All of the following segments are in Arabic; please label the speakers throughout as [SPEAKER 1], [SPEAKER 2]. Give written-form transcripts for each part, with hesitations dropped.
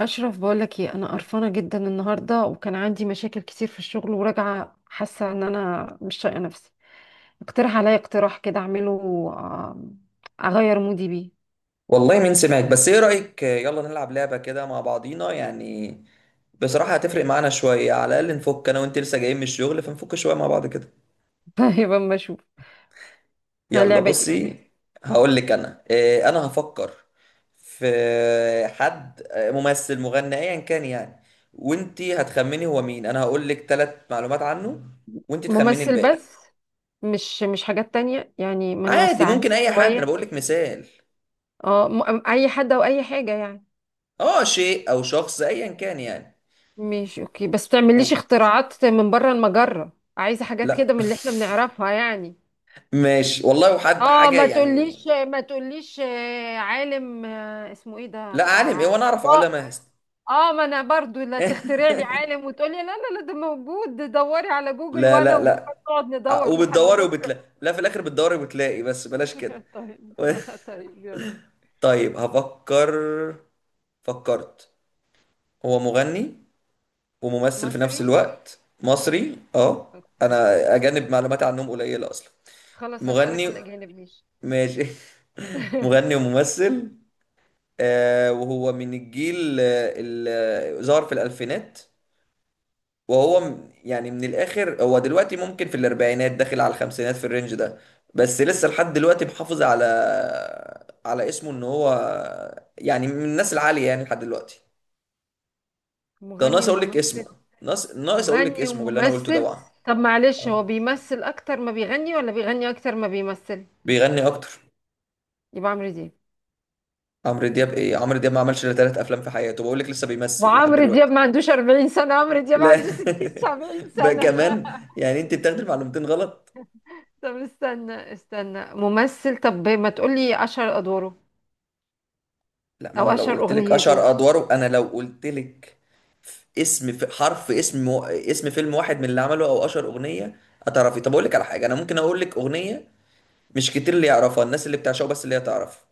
[SPEAKER 1] أشرف، بقولك ايه، أنا قرفانة جدا النهاردة، وكان عندي مشاكل كتير في الشغل، وراجعة حاسة إن أنا مش طايقة نفسي. اقترح عليا اقتراح كده أعمله، آم، أغير مودي بيه.
[SPEAKER 2] والله مين سمعك؟ بس ايه رأيك، يلا نلعب لعبة كده مع بعضينا يعني. بصراحة هتفرق معانا شوية، على الأقل نفك أنا وأنت لسه جايين من الشغل، فنفك شوية مع بعض كده.
[SPEAKER 1] طيب، أما أشوف ده
[SPEAKER 2] يلا
[SPEAKER 1] لعبة
[SPEAKER 2] بصي،
[SPEAKER 1] ايه.
[SPEAKER 2] هقول لك أنا إيه. أنا هفكر في حد ممثل، مغني، أيا كان يعني. وأنت هتخمني هو مين. أنا هقول لك 3 معلومات عنه وأنت تخمني
[SPEAKER 1] ممثل
[SPEAKER 2] الباقي.
[SPEAKER 1] بس؟ مش حاجات تانية يعني، ما
[SPEAKER 2] عادي،
[SPEAKER 1] نوسعهاش
[SPEAKER 2] ممكن أي حد. أنا
[SPEAKER 1] شوية.
[SPEAKER 2] بقول لك مثال.
[SPEAKER 1] اه، أي حد أو أي حاجة يعني.
[SPEAKER 2] أه، شيء أو شخص أيا كان يعني.
[SPEAKER 1] ماشي، أوكي، بس متعمليش
[SPEAKER 2] أوه.
[SPEAKER 1] اختراعات من بره المجرة، عايزة حاجات
[SPEAKER 2] لا.
[SPEAKER 1] كده من اللي احنا بنعرفها يعني.
[SPEAKER 2] ماشي والله، وحد
[SPEAKER 1] اه،
[SPEAKER 2] حاجة
[SPEAKER 1] ما
[SPEAKER 2] يعني.
[SPEAKER 1] تقوليش ما تقوليش عالم، اسمه ايه ده
[SPEAKER 2] لا، عالم ايه
[SPEAKER 1] بتاع؟
[SPEAKER 2] وانا اعرف
[SPEAKER 1] اه،
[SPEAKER 2] علماء هست.
[SPEAKER 1] ما انا برضو، لا تخترع لي عالم وتقولي لا لا لا ده موجود، دوري على جوجل،
[SPEAKER 2] لا
[SPEAKER 1] وانا
[SPEAKER 2] لا
[SPEAKER 1] وجوجل
[SPEAKER 2] لا.
[SPEAKER 1] نقعد ندور لحد
[SPEAKER 2] وبتدوري
[SPEAKER 1] بكره.
[SPEAKER 2] وبتلاقي، لا، في الاخر بتدوري وبتلاقي، بس بلاش كده.
[SPEAKER 1] طيب. طيب يلا.
[SPEAKER 2] طيب هفكر. فكرت. هو مغني وممثل في نفس
[SPEAKER 1] مصري؟
[SPEAKER 2] الوقت، مصري. اه.
[SPEAKER 1] أوكي.
[SPEAKER 2] انا اجانب معلومات عنهم قليلة اصلا.
[SPEAKER 1] خلاص، هسألك في
[SPEAKER 2] مغني.
[SPEAKER 1] الاجانب ماشي.
[SPEAKER 2] ماشي. مغني وممثل. آه، وهو من الجيل اللي ظهر في الالفينات. وهو يعني من الاخر، هو دلوقتي ممكن في الاربعينات داخل على الخمسينات، في الرينج ده. بس لسه لحد دلوقتي محافظ على اسمه ان هو يعني من الناس العالية يعني لحد دلوقتي. ده
[SPEAKER 1] مغني
[SPEAKER 2] ناقص اقول لك اسمه.
[SPEAKER 1] وممثل.
[SPEAKER 2] ناقص، ناقص اقول لك
[SPEAKER 1] مغني
[SPEAKER 2] اسمه باللي انا قلته ده
[SPEAKER 1] وممثل؟
[SPEAKER 2] بقى.
[SPEAKER 1] طب معلش، هو
[SPEAKER 2] آه.
[SPEAKER 1] بيمثل اكتر ما بيغني ولا بيغني اكتر ما بيمثل؟
[SPEAKER 2] بيغني اكتر.
[SPEAKER 1] يبقى عمرو دياب.
[SPEAKER 2] عمرو دياب ايه؟ عمرو دياب ما عملش الا 3 افلام في حياته، بقول لك لسه بيمثل لحد
[SPEAKER 1] وعمرو دياب
[SPEAKER 2] دلوقتي.
[SPEAKER 1] ما عندوش 40 سنة، عمرو دياب
[SPEAKER 2] لا.
[SPEAKER 1] عنده 60، 70
[SPEAKER 2] بقى
[SPEAKER 1] سنة.
[SPEAKER 2] كمان يعني انت بتاخدي المعلومتين غلط.
[SPEAKER 1] طب استنى استنى، ممثل، طب ما تقولي أشهر أدواره،
[SPEAKER 2] لا، ما انا
[SPEAKER 1] أو
[SPEAKER 2] لو
[SPEAKER 1] أشهر
[SPEAKER 2] قلت لك
[SPEAKER 1] أغنيته.
[SPEAKER 2] اشهر ادواره، انا لو قلت لك اسم في حرف اسم و... اسم فيلم واحد من اللي عمله او اشهر اغنيه هتعرفي. طب اقول لك على حاجه، انا ممكن اقول لك اغنيه مش كتير اللي يعرفها الناس، اللي بتعشقه بس اللي هي تعرف.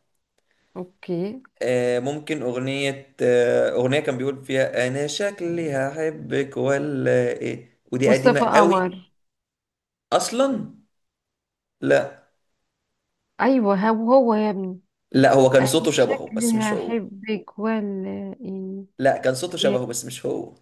[SPEAKER 1] أوكي.
[SPEAKER 2] ممكن اغنيه كان بيقول فيها انا شكلي هحبك ولا ايه، ودي قديمه
[SPEAKER 1] مصطفى
[SPEAKER 2] قوي.
[SPEAKER 1] قمر.
[SPEAKER 2] اصلا. لا.
[SPEAKER 1] أيوه هو، هو يا ابني.
[SPEAKER 2] لا، هو كان
[SPEAKER 1] أنا
[SPEAKER 2] صوته شبهه بس
[SPEAKER 1] شكلي
[SPEAKER 2] مش هو.
[SPEAKER 1] هحبك ولا إيه.
[SPEAKER 2] لا، كان صوته
[SPEAKER 1] إيه.
[SPEAKER 2] شبهه بس مش هو.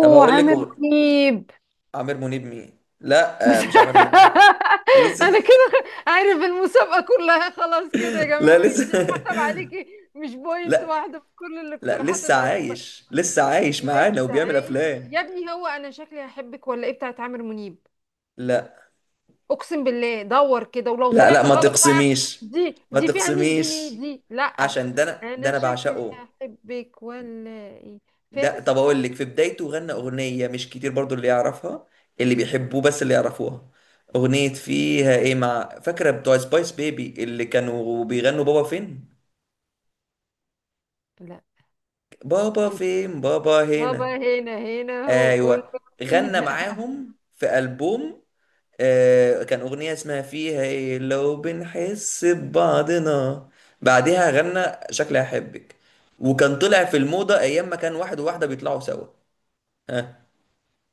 [SPEAKER 2] طب هقول لك
[SPEAKER 1] عامر منيب.
[SPEAKER 2] عامر منيب مين؟ لا،
[SPEAKER 1] بس.
[SPEAKER 2] مش عامر منيب. لسه.
[SPEAKER 1] أنا كده عارف المسابقة كلها، خلاص كده يا
[SPEAKER 2] لا
[SPEAKER 1] جماعة، أنت
[SPEAKER 2] لسه.
[SPEAKER 1] اتحسب عليكي مش بوينت
[SPEAKER 2] لا
[SPEAKER 1] واحدة في كل
[SPEAKER 2] لا،
[SPEAKER 1] الاقتراحات
[SPEAKER 2] لسه
[SPEAKER 1] الغريبة.
[SPEAKER 2] عايش، لسه عايش معانا
[SPEAKER 1] لسه
[SPEAKER 2] وبيعمل
[SPEAKER 1] عايش
[SPEAKER 2] افلام.
[SPEAKER 1] يا ابني، هو انا شكلي هحبك ولا ايه بتاعت عامر منيب.
[SPEAKER 2] لا
[SPEAKER 1] اقسم بالله دور كده، ولو
[SPEAKER 2] لا لا،
[SPEAKER 1] طلعت
[SPEAKER 2] ما
[SPEAKER 1] غلط بقى،
[SPEAKER 2] تقسميش،
[SPEAKER 1] دي
[SPEAKER 2] ما
[SPEAKER 1] دي فيها 100 جنيه
[SPEAKER 2] تقسميش.
[SPEAKER 1] دي، لا.
[SPEAKER 2] عشان ده انا ده
[SPEAKER 1] انا
[SPEAKER 2] انا
[SPEAKER 1] شكلي
[SPEAKER 2] بعشقه.
[SPEAKER 1] هحبك ولا ايه.
[SPEAKER 2] ده
[SPEAKER 1] فارس.
[SPEAKER 2] طب اقول لك، في بدايته غنى اغنيه مش كتير برضو اللي يعرفها، اللي بيحبوه بس اللي يعرفوها. اغنيه فيها ايه، مع فاكره بتوع سبايس بيبي اللي كانوا بيغنوا بابا فين؟
[SPEAKER 1] لا.
[SPEAKER 2] بابا
[SPEAKER 1] ايه ده؟
[SPEAKER 2] فين، بابا هنا.
[SPEAKER 1] بابا هنا هنا هو قول.
[SPEAKER 2] ايوه، غنى
[SPEAKER 1] هنا.
[SPEAKER 2] معاهم في البوم. كان أغنية اسمها فيها إيه لو بنحس ببعضنا. بعدها غنى شكلي أحبك. وكان طلع في الموضة أيام ما كان واحد وواحدة بيطلعوا سوا. ها.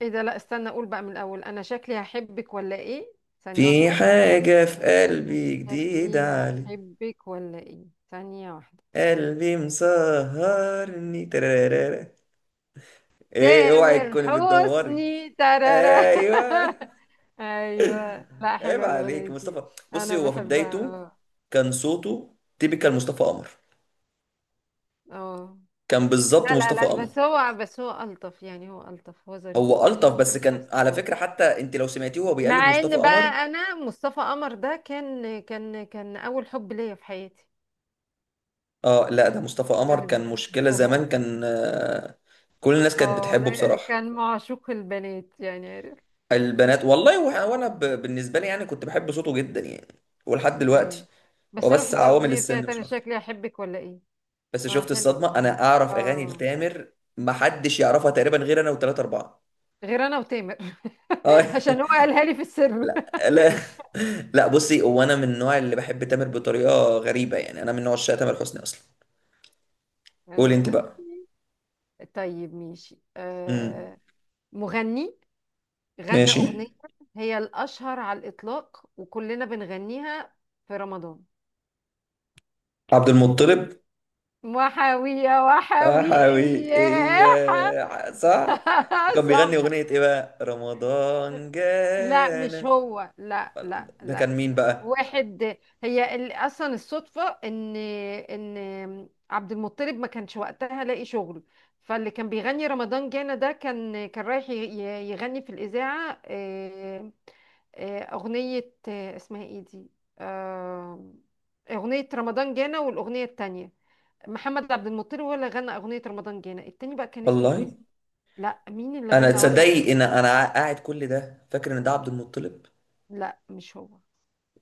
[SPEAKER 1] ايه ده؟ لا استنى، اقول بقى من الاول، انا شكلي هحبك ولا ايه؟ ثانية
[SPEAKER 2] في
[SPEAKER 1] واحدة.
[SPEAKER 2] حاجة في قلبي
[SPEAKER 1] شكلي
[SPEAKER 2] جديدة علي.
[SPEAKER 1] هحبك ولا ايه؟ ثانية واحدة.
[SPEAKER 2] قلبي مسهرني ترارارا. إيه، أوعي
[SPEAKER 1] تامر
[SPEAKER 2] تكوني بتدوري.
[SPEAKER 1] حسني، ترارا.
[SPEAKER 2] أيوه.
[SPEAKER 1] ايوه. لا،
[SPEAKER 2] عيب
[SPEAKER 1] حلوه الاغنيه
[SPEAKER 2] عليك
[SPEAKER 1] دي.
[SPEAKER 2] مصطفى. بصي،
[SPEAKER 1] انا
[SPEAKER 2] هو في
[SPEAKER 1] بحبها،
[SPEAKER 2] بدايته
[SPEAKER 1] اه.
[SPEAKER 2] كان صوته تيبيكال مصطفى قمر.
[SPEAKER 1] اه،
[SPEAKER 2] كان بالظبط
[SPEAKER 1] لا لا
[SPEAKER 2] مصطفى
[SPEAKER 1] لا،
[SPEAKER 2] قمر.
[SPEAKER 1] بس هو، بس هو الطف يعني، هو الطف، هو ظريف،
[SPEAKER 2] هو
[SPEAKER 1] انا
[SPEAKER 2] ألطف،
[SPEAKER 1] بحب
[SPEAKER 2] بس
[SPEAKER 1] تامر
[SPEAKER 2] كان
[SPEAKER 1] حسني
[SPEAKER 2] على
[SPEAKER 1] قوي.
[SPEAKER 2] فكرة، حتى انت لو سمعتيه هو بيقلد
[SPEAKER 1] مع
[SPEAKER 2] مصطفى
[SPEAKER 1] ان
[SPEAKER 2] قمر.
[SPEAKER 1] بقى، انا مصطفى قمر ده كان اول حب ليا في حياتي.
[SPEAKER 2] اه، لا ده مصطفى قمر كان مشكلة زمان، كان كل الناس كانت
[SPEAKER 1] اه
[SPEAKER 2] بتحبه
[SPEAKER 1] لا،
[SPEAKER 2] بصراحة.
[SPEAKER 1] كان معشوق البنات يعني، عارف.
[SPEAKER 2] البنات والله، وانا بالنسبة لي يعني كنت بحب صوته جدا يعني، ولحد دلوقتي.
[SPEAKER 1] ايوه،
[SPEAKER 2] هو
[SPEAKER 1] بس انا
[SPEAKER 2] بس
[SPEAKER 1] بحبها
[SPEAKER 2] عوامل
[SPEAKER 1] الاغنيه
[SPEAKER 2] السن
[SPEAKER 1] بتاعت
[SPEAKER 2] مش
[SPEAKER 1] انا
[SPEAKER 2] اكتر.
[SPEAKER 1] شكلي احبك ولا ايه.
[SPEAKER 2] بس
[SPEAKER 1] اه
[SPEAKER 2] شفت
[SPEAKER 1] حلوه
[SPEAKER 2] الصدمة؟
[SPEAKER 1] الاغنيه
[SPEAKER 2] انا
[SPEAKER 1] دي،
[SPEAKER 2] اعرف اغاني
[SPEAKER 1] اه.
[SPEAKER 2] لتامر محدش يعرفها تقريبا غير انا وثلاثة اربعة.
[SPEAKER 1] غير انا وتامر.
[SPEAKER 2] اه.
[SPEAKER 1] عشان هو قالها لي في السر.
[SPEAKER 2] لا لا لا، بصي، هو انا من النوع اللي بحب تامر بطريقة غريبة يعني. انا من نوع عشاق تامر حسني اصلا. قولي انت
[SPEAKER 1] أو-
[SPEAKER 2] بقى.
[SPEAKER 1] طيب ماشي.
[SPEAKER 2] مم.
[SPEAKER 1] آه. مغني غنى
[SPEAKER 2] ماشي.
[SPEAKER 1] اغنيه هي الاشهر على الاطلاق وكلنا بنغنيها في رمضان،
[SPEAKER 2] عبد المطلب.
[SPEAKER 1] وحاويه
[SPEAKER 2] يا
[SPEAKER 1] وحاويه.
[SPEAKER 2] حاوي ايه، صح. وكان بيغني
[SPEAKER 1] صح.
[SPEAKER 2] اغنية ايه بقى، رمضان
[SPEAKER 1] لا مش
[SPEAKER 2] جانا؟
[SPEAKER 1] هو، لا لا
[SPEAKER 2] ده
[SPEAKER 1] لا.
[SPEAKER 2] كان مين بقى؟
[SPEAKER 1] واحد، هي اصلا الصدفه ان ان عبد المطلب ما كانش وقتها لاقي شغل، فاللي كان بيغني رمضان جانا ده كان رايح يغني في الاذاعه. اغنيه، اسمها ايه دي. آه، اغنيه رمضان جانا، والاغنيه التانية محمد عبد المطلب هو اللي غنى. اغنيه رمضان جانا التاني بقى كان اسمه ايه؟
[SPEAKER 2] والله
[SPEAKER 1] لا، مين اللي
[SPEAKER 2] انا،
[SPEAKER 1] غنى؟ واحد.
[SPEAKER 2] تصدقي ان انا قاعد كل ده فاكر ان ده عبد المطلب؟
[SPEAKER 1] لا مش هو.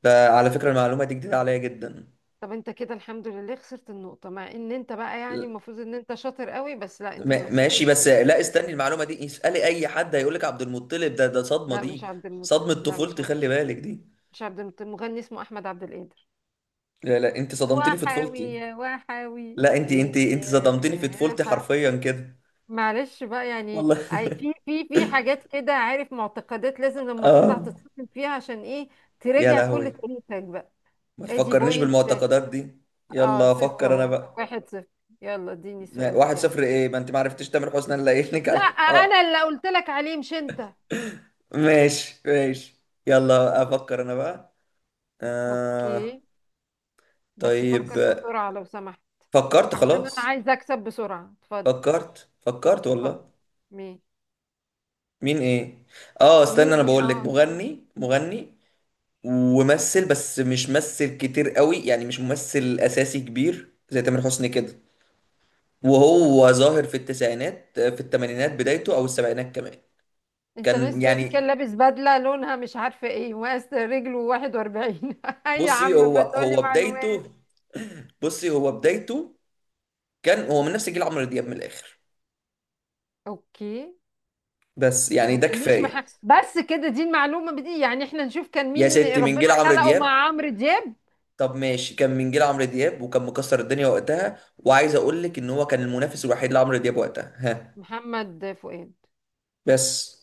[SPEAKER 2] ده على فكرة المعلومة دي جديدة عليا جدا.
[SPEAKER 1] طب انت كده الحمد لله خسرت النقطة، مع ان انت بقى يعني المفروض ان انت شاطر قوي، بس لا، انت اللي خسرت
[SPEAKER 2] ماشي، بس
[SPEAKER 1] النقطة.
[SPEAKER 2] لا استني، المعلومة دي اسألي اي حد هيقول لك عبد المطلب. ده صدمة
[SPEAKER 1] لا مش
[SPEAKER 2] دي،
[SPEAKER 1] عبد المطلب،
[SPEAKER 2] صدمة
[SPEAKER 1] لا مش
[SPEAKER 2] طفولتي،
[SPEAKER 1] عبد
[SPEAKER 2] خلي بالك
[SPEAKER 1] المطلب.
[SPEAKER 2] دي.
[SPEAKER 1] مش عبد المطلب، مغني اسمه احمد عبد القادر.
[SPEAKER 2] لا لا، انت صدمتني في
[SPEAKER 1] وحاوي
[SPEAKER 2] طفولتي.
[SPEAKER 1] يا وحاوي.
[SPEAKER 2] لا، انت
[SPEAKER 1] ايه
[SPEAKER 2] انت انت صدمتني في
[SPEAKER 1] يا
[SPEAKER 2] طفولتي حرفيا كده.
[SPEAKER 1] معلش بقى يعني.
[SPEAKER 2] والله.
[SPEAKER 1] اي، في حاجات كده، عارف، معتقدات لازم لما تطلع
[SPEAKER 2] اه.
[SPEAKER 1] تتصفن فيها، عشان ايه؟
[SPEAKER 2] يا
[SPEAKER 1] تراجع كل
[SPEAKER 2] لهوي،
[SPEAKER 1] تاريخك بقى.
[SPEAKER 2] ما
[SPEAKER 1] ادي
[SPEAKER 2] تفكرنيش
[SPEAKER 1] بوينت.
[SPEAKER 2] بالمعتقدات دي.
[SPEAKER 1] اه،
[SPEAKER 2] يلا
[SPEAKER 1] صفر
[SPEAKER 2] افكر انا
[SPEAKER 1] اهو،
[SPEAKER 2] بقى.
[SPEAKER 1] واحد صفر. يلا اديني السؤال
[SPEAKER 2] واحد
[SPEAKER 1] بتاعك.
[SPEAKER 2] صفر ايه؟ ما انت ما عرفتش تامر حسني اللي قايل لك
[SPEAKER 1] لا
[SPEAKER 2] عليه.
[SPEAKER 1] انا
[SPEAKER 2] اه.
[SPEAKER 1] اللي قلت لك عليه، مش انت.
[SPEAKER 2] ماشي ماشي. يلا افكر انا بقى. آه.
[SPEAKER 1] اوكي، بس
[SPEAKER 2] طيب.
[SPEAKER 1] فكر بسرعة لو سمحت.
[SPEAKER 2] فكرت
[SPEAKER 1] عشان انا
[SPEAKER 2] خلاص.
[SPEAKER 1] عايزه اكسب بسرعة، اتفضل.
[SPEAKER 2] فكرت، فكرت
[SPEAKER 1] فكر.
[SPEAKER 2] والله.
[SPEAKER 1] مين؟
[SPEAKER 2] مين ايه؟ اه
[SPEAKER 1] مين
[SPEAKER 2] استنى، انا
[SPEAKER 1] ايه؟
[SPEAKER 2] بقول لك
[SPEAKER 1] اه.
[SPEAKER 2] مغني. مغني وممثل، بس مش ممثل كتير قوي يعني، مش ممثل اساسي كبير زي تامر حسني كده. وهو ظاهر في التسعينات، في الثمانينات بدايته، او السبعينات كمان.
[SPEAKER 1] انت ناس
[SPEAKER 2] كان
[SPEAKER 1] تقولي
[SPEAKER 2] يعني،
[SPEAKER 1] كان لابس بدلة لونها مش عارفة ايه وقاس رجله 41. اي يا عم
[SPEAKER 2] بصي، هو
[SPEAKER 1] ما تقولي
[SPEAKER 2] هو بدايته،
[SPEAKER 1] معلومات.
[SPEAKER 2] بصي هو بدايته كان هو من نفس جيل عمرو دياب من الاخر.
[SPEAKER 1] اوكي،
[SPEAKER 2] بس يعني
[SPEAKER 1] ما
[SPEAKER 2] ده
[SPEAKER 1] تقوليش
[SPEAKER 2] كفايه.
[SPEAKER 1] مح... بس كده، دي المعلومة دي يعني، احنا نشوف كان
[SPEAKER 2] يا
[SPEAKER 1] مين
[SPEAKER 2] ستي، من جيل
[SPEAKER 1] ربنا
[SPEAKER 2] عمرو
[SPEAKER 1] خلقه
[SPEAKER 2] دياب.
[SPEAKER 1] مع عمرو دياب.
[SPEAKER 2] طب ماشي، كان من جيل عمرو دياب وكان مكسر الدنيا وقتها، وعايز اقول لك ان هو كان المنافس الوحيد لعمرو دياب وقتها. ها.
[SPEAKER 1] محمد فؤاد.
[SPEAKER 2] بس.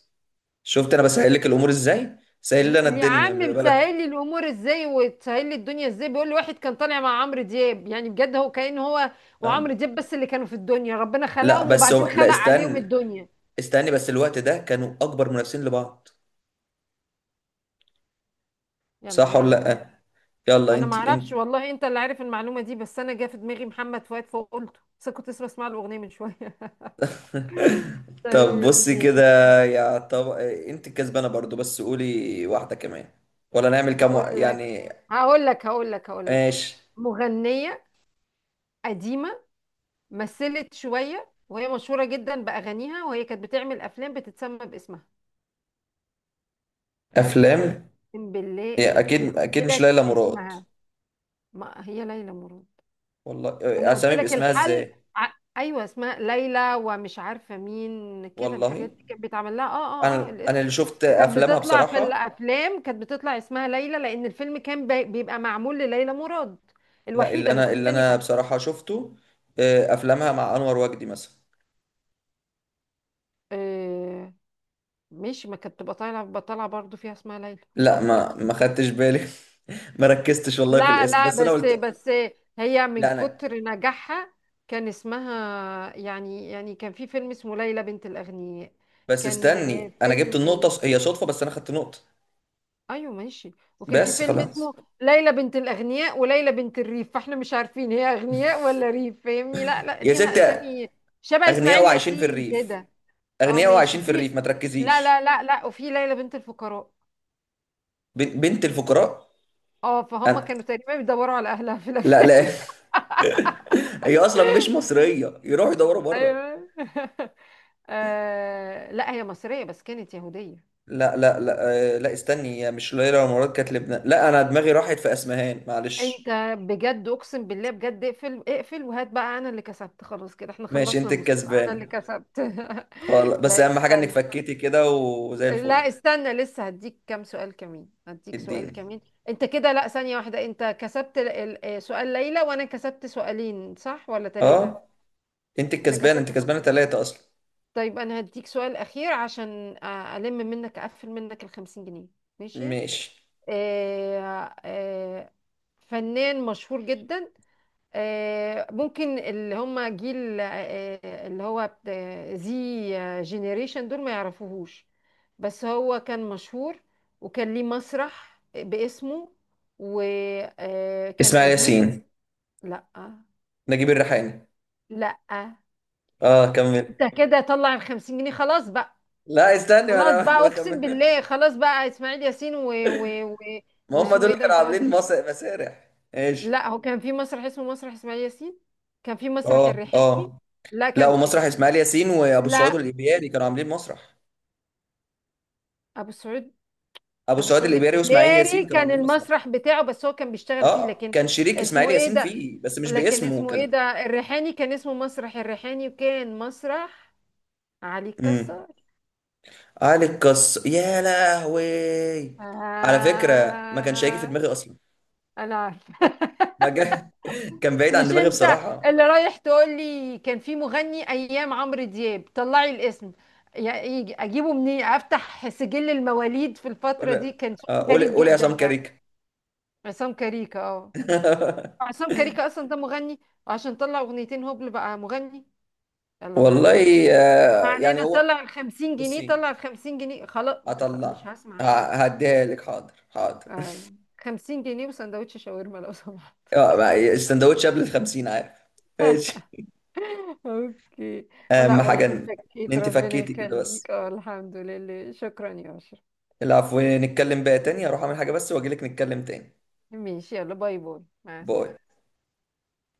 [SPEAKER 2] شفت انا بسهل لك الامور ازاي؟ سهل لنا
[SPEAKER 1] يا
[SPEAKER 2] الدنيا، مش
[SPEAKER 1] عم
[SPEAKER 2] بلا.
[SPEAKER 1] بتسهل لي الامور ازاي وتسهل لي الدنيا ازاي، بيقول لي واحد كان طالع مع عمرو دياب يعني، بجد هو كأن هو
[SPEAKER 2] ها.
[SPEAKER 1] وعمرو دياب بس اللي كانوا في الدنيا، ربنا
[SPEAKER 2] لا
[SPEAKER 1] خلقهم
[SPEAKER 2] بس
[SPEAKER 1] وبعدين
[SPEAKER 2] هو، لا
[SPEAKER 1] خلق عليهم
[SPEAKER 2] استني،
[SPEAKER 1] الدنيا.
[SPEAKER 2] استني بس، الوقت ده كانوا اكبر منافسين لبعض.
[SPEAKER 1] يلا
[SPEAKER 2] صح
[SPEAKER 1] ما
[SPEAKER 2] ولا
[SPEAKER 1] علينا.
[SPEAKER 2] لأ؟ يلا
[SPEAKER 1] انا ما
[SPEAKER 2] انت
[SPEAKER 1] اعرفش
[SPEAKER 2] انت
[SPEAKER 1] والله، انت اللي عارف المعلومه دي، بس انا جه في دماغي محمد فؤاد فقلته، بس كنت لسه بسمع له اغنيه من شويه.
[SPEAKER 2] طب
[SPEAKER 1] طيب
[SPEAKER 2] بصي كده،
[SPEAKER 1] ماشي.
[SPEAKER 2] يا طب انت الكسبانة برضو، بس قولي واحدة كمان. ولا نعمل كام
[SPEAKER 1] هقول لك
[SPEAKER 2] يعني.
[SPEAKER 1] هقول لك هقول لك هقول لك
[SPEAKER 2] ماشي.
[SPEAKER 1] مغنيه قديمه، مثلت شويه، وهي مشهوره جدا باغانيها، وهي كانت بتعمل افلام بتتسمى باسمها.
[SPEAKER 2] افلام.
[SPEAKER 1] اقسم بالله
[SPEAKER 2] يا
[SPEAKER 1] انا
[SPEAKER 2] اكيد
[SPEAKER 1] قلت
[SPEAKER 2] اكيد مش
[SPEAKER 1] لك
[SPEAKER 2] ليلى مراد.
[SPEAKER 1] اسمها. ما هي ليلى مراد،
[SPEAKER 2] والله.
[SPEAKER 1] انا قلت
[SPEAKER 2] اسامي
[SPEAKER 1] لك
[SPEAKER 2] باسمها
[SPEAKER 1] الحل.
[SPEAKER 2] ازاي؟
[SPEAKER 1] ايوه، اسمها ليلى، ومش عارفه مين كده، الحاجات
[SPEAKER 2] والله
[SPEAKER 1] دي كانت بيتعمل لها، اه. اه، اه،
[SPEAKER 2] انا
[SPEAKER 1] الاسم.
[SPEAKER 2] اللي شفت
[SPEAKER 1] وكانت
[SPEAKER 2] افلامها
[SPEAKER 1] بتطلع في
[SPEAKER 2] بصراحة.
[SPEAKER 1] الافلام، كانت بتطلع اسمها ليلى، لان الفيلم كان بيبقى معمول لليلى مراد،
[SPEAKER 2] لا، اللي
[SPEAKER 1] الوحيده اللي في
[SPEAKER 2] انا اللي انا
[SPEAKER 1] السينما.
[SPEAKER 2] بصراحة شفته افلامها مع انور وجدي مثلا.
[SPEAKER 1] آه، مش ما كانت بتبقى طالعه، بتطلع برضو فيها اسمها ليلى.
[SPEAKER 2] لا، ما خدتش بالي. ما ركزتش والله في
[SPEAKER 1] لا
[SPEAKER 2] الاسم،
[SPEAKER 1] لا،
[SPEAKER 2] بس انا
[SPEAKER 1] بس
[SPEAKER 2] قلت.
[SPEAKER 1] بس هي من
[SPEAKER 2] لا انا.
[SPEAKER 1] كتر نجاحها كان اسمها، يعني كان في فيلم اسمه ليلى بنت الأغنياء.
[SPEAKER 2] بس
[SPEAKER 1] كان
[SPEAKER 2] استني، انا
[SPEAKER 1] فيلم
[SPEAKER 2] جبت النقطة،
[SPEAKER 1] ايه؟
[SPEAKER 2] هي صدفة بس انا خدت نقطة.
[SPEAKER 1] ايوه ماشي. وكان في
[SPEAKER 2] بس
[SPEAKER 1] فيلم
[SPEAKER 2] خلاص.
[SPEAKER 1] اسمه ليلى بنت الأغنياء، وليلى بنت الريف، فاحنا مش عارفين هي أغنياء ولا ريف؟ فاهمني؟ لا لا،
[SPEAKER 2] يا
[SPEAKER 1] ليها
[SPEAKER 2] ستة،
[SPEAKER 1] أسامي شبه
[SPEAKER 2] اغنياء
[SPEAKER 1] إسماعيل
[SPEAKER 2] وعايشين في
[SPEAKER 1] ياسين
[SPEAKER 2] الريف،
[SPEAKER 1] كده. اه
[SPEAKER 2] اغنياء
[SPEAKER 1] ماشي
[SPEAKER 2] وعايشين في الريف،
[SPEAKER 1] في،
[SPEAKER 2] ما
[SPEAKER 1] لا لا
[SPEAKER 2] تركزيش.
[SPEAKER 1] لا لا، وفي ليلى بنت الفقراء.
[SPEAKER 2] بنت الفقراء.
[SPEAKER 1] اه، فهم
[SPEAKER 2] أنا...
[SPEAKER 1] كانوا تقريبا بيدوروا على أهلها في
[SPEAKER 2] لا
[SPEAKER 1] الأفلام.
[SPEAKER 2] لا. هي اصلا مش مصرية، يروحوا يدوروا بره.
[SPEAKER 1] ايوه. آه لا، هي مصرية بس كانت يهودية.
[SPEAKER 2] لا لا لا، لا استني، هي مش ليلى مراد، كانت لبنان. لا، انا دماغي راحت في اسمهان، معلش.
[SPEAKER 1] انت بجد، اقسم بالله بجد، اقفل اقفل، وهات بقى، انا اللي كسبت، خلاص كده احنا
[SPEAKER 2] ماشي،
[SPEAKER 1] خلصنا
[SPEAKER 2] انت
[SPEAKER 1] المسابقة، انا اللي
[SPEAKER 2] الكسبان.
[SPEAKER 1] كسبت.
[SPEAKER 2] خلاص، بس
[SPEAKER 1] لا
[SPEAKER 2] اهم حاجة انك
[SPEAKER 1] استنى،
[SPEAKER 2] فكيتي كده. وزي
[SPEAKER 1] لا
[SPEAKER 2] الفل.
[SPEAKER 1] استنى، لسه هديك كام سؤال كمان، هديك سؤال
[SPEAKER 2] اديني.
[SPEAKER 1] كمان. انت كده لا، ثانية واحدة، انت كسبت سؤال ليلى، وانا كسبت سؤالين، صح ولا ثلاثة؟
[SPEAKER 2] اه، انت
[SPEAKER 1] انا
[SPEAKER 2] الكسبان، انت
[SPEAKER 1] كسبت.
[SPEAKER 2] كسبانة 3 اصلا.
[SPEAKER 1] طيب، انا هديك سؤال اخير، عشان الم منك، اقفل منك الخمسين جنيه. ماشي.
[SPEAKER 2] ماشي.
[SPEAKER 1] آه، آه، فنان مشهور جدا، ممكن اللي هم جيل اللي هو زي جينيريشن دول ما يعرفوهوش، بس هو كان مشهور، وكان ليه مسرح باسمه، وكان
[SPEAKER 2] اسماعيل
[SPEAKER 1] قديم.
[SPEAKER 2] ياسين.
[SPEAKER 1] لا.
[SPEAKER 2] نجيب الريحاني.
[SPEAKER 1] لا.
[SPEAKER 2] اه كمل.
[SPEAKER 1] انت كده طلع الخمسين جنيه خلاص بقى.
[SPEAKER 2] لا استني، ما
[SPEAKER 1] خلاص بقى
[SPEAKER 2] انا
[SPEAKER 1] اقسم
[SPEAKER 2] بكمل.
[SPEAKER 1] بالله، خلاص بقى، اسماعيل ياسين
[SPEAKER 2] ما هم دول
[SPEAKER 1] واسمه ايه
[SPEAKER 2] اللي
[SPEAKER 1] ده
[SPEAKER 2] كانوا
[SPEAKER 1] انت قلت؟
[SPEAKER 2] عاملين مسرح، مسارح ايش؟
[SPEAKER 1] لا هو كان في مسرح اسمه مسرح اسماعيل ياسين، كان في مسرح
[SPEAKER 2] اه
[SPEAKER 1] الريحاني،
[SPEAKER 2] اه.
[SPEAKER 1] لا
[SPEAKER 2] لا،
[SPEAKER 1] كان في...
[SPEAKER 2] ومسرح اسماعيل ياسين وابو السعود
[SPEAKER 1] لا
[SPEAKER 2] الايبياري كانوا عاملين مسرح.
[SPEAKER 1] ابو السعود،
[SPEAKER 2] ابو
[SPEAKER 1] ابو
[SPEAKER 2] السعود
[SPEAKER 1] السعود
[SPEAKER 2] الايبياري واسماعيل
[SPEAKER 1] الابداري
[SPEAKER 2] ياسين كانوا
[SPEAKER 1] كان
[SPEAKER 2] عاملين مسرح.
[SPEAKER 1] المسرح بتاعه، بس هو كان بيشتغل فيه،
[SPEAKER 2] اه،
[SPEAKER 1] لكن
[SPEAKER 2] كان شريك اسماعيل
[SPEAKER 1] اسمه ايه
[SPEAKER 2] ياسين
[SPEAKER 1] ده،
[SPEAKER 2] فيه بس مش
[SPEAKER 1] لكن
[SPEAKER 2] باسمه
[SPEAKER 1] اسمه ايه
[SPEAKER 2] كان.
[SPEAKER 1] ده؟ الريحاني كان اسمه مسرح الريحاني، وكان مسرح علي
[SPEAKER 2] امم.
[SPEAKER 1] الكسار.
[SPEAKER 2] علي القص، يا لهوي. على فكره ما كانش هيجي في
[SPEAKER 1] آه.
[SPEAKER 2] دماغي اصلا.
[SPEAKER 1] انا عارفة.
[SPEAKER 2] ما جا... كان بعيد عن
[SPEAKER 1] مش
[SPEAKER 2] دماغي
[SPEAKER 1] انت
[SPEAKER 2] بصراحه.
[SPEAKER 1] اللي رايح تقول لي كان في مغني ايام عمرو دياب، طلعي الاسم، اجيبه منين، افتح سجل المواليد في الفتره
[SPEAKER 2] قول،
[SPEAKER 1] دي، كان شغل
[SPEAKER 2] قول
[SPEAKER 1] غريب
[SPEAKER 2] قول يا
[SPEAKER 1] جدا
[SPEAKER 2] عصام
[SPEAKER 1] يعني.
[SPEAKER 2] كاريك.
[SPEAKER 1] عصام كاريكا، اه. عصام كاريكا اصلا ده مغني، وعشان طلع اغنيتين هبل بقى مغني. يلا ما علينا.
[SPEAKER 2] والله،
[SPEAKER 1] ما
[SPEAKER 2] يعني
[SPEAKER 1] علينا،
[SPEAKER 2] هو.
[SPEAKER 1] طلع ال 50 جنيه،
[SPEAKER 2] بصي،
[SPEAKER 1] طلع ال 50 جنيه خلاص.
[SPEAKER 2] هطلع.
[SPEAKER 1] مش هسمع
[SPEAKER 2] ه-
[SPEAKER 1] حاجه.
[SPEAKER 2] هديها لك، حاضر حاضر.
[SPEAKER 1] آه، 50 جنيه وسندوتش شاورما لو سمحت.
[SPEAKER 2] السندوتش قبل الخمسين عارف. ماشي.
[SPEAKER 1] اوكي. ولا
[SPEAKER 2] اهم حاجه
[SPEAKER 1] والله،
[SPEAKER 2] إن
[SPEAKER 1] شكيت
[SPEAKER 2] انت
[SPEAKER 1] ربنا
[SPEAKER 2] فكيتي كده، بس.
[SPEAKER 1] يخليك، اه الحمد لله، شكرا يا اشرف.
[SPEAKER 2] العفو، نتكلم بقى تاني، اروح اعمل حاجه بس واجي لك نتكلم تاني.
[SPEAKER 1] ماشي يلا، باي باي مع
[SPEAKER 2] باي.
[SPEAKER 1] السلامة.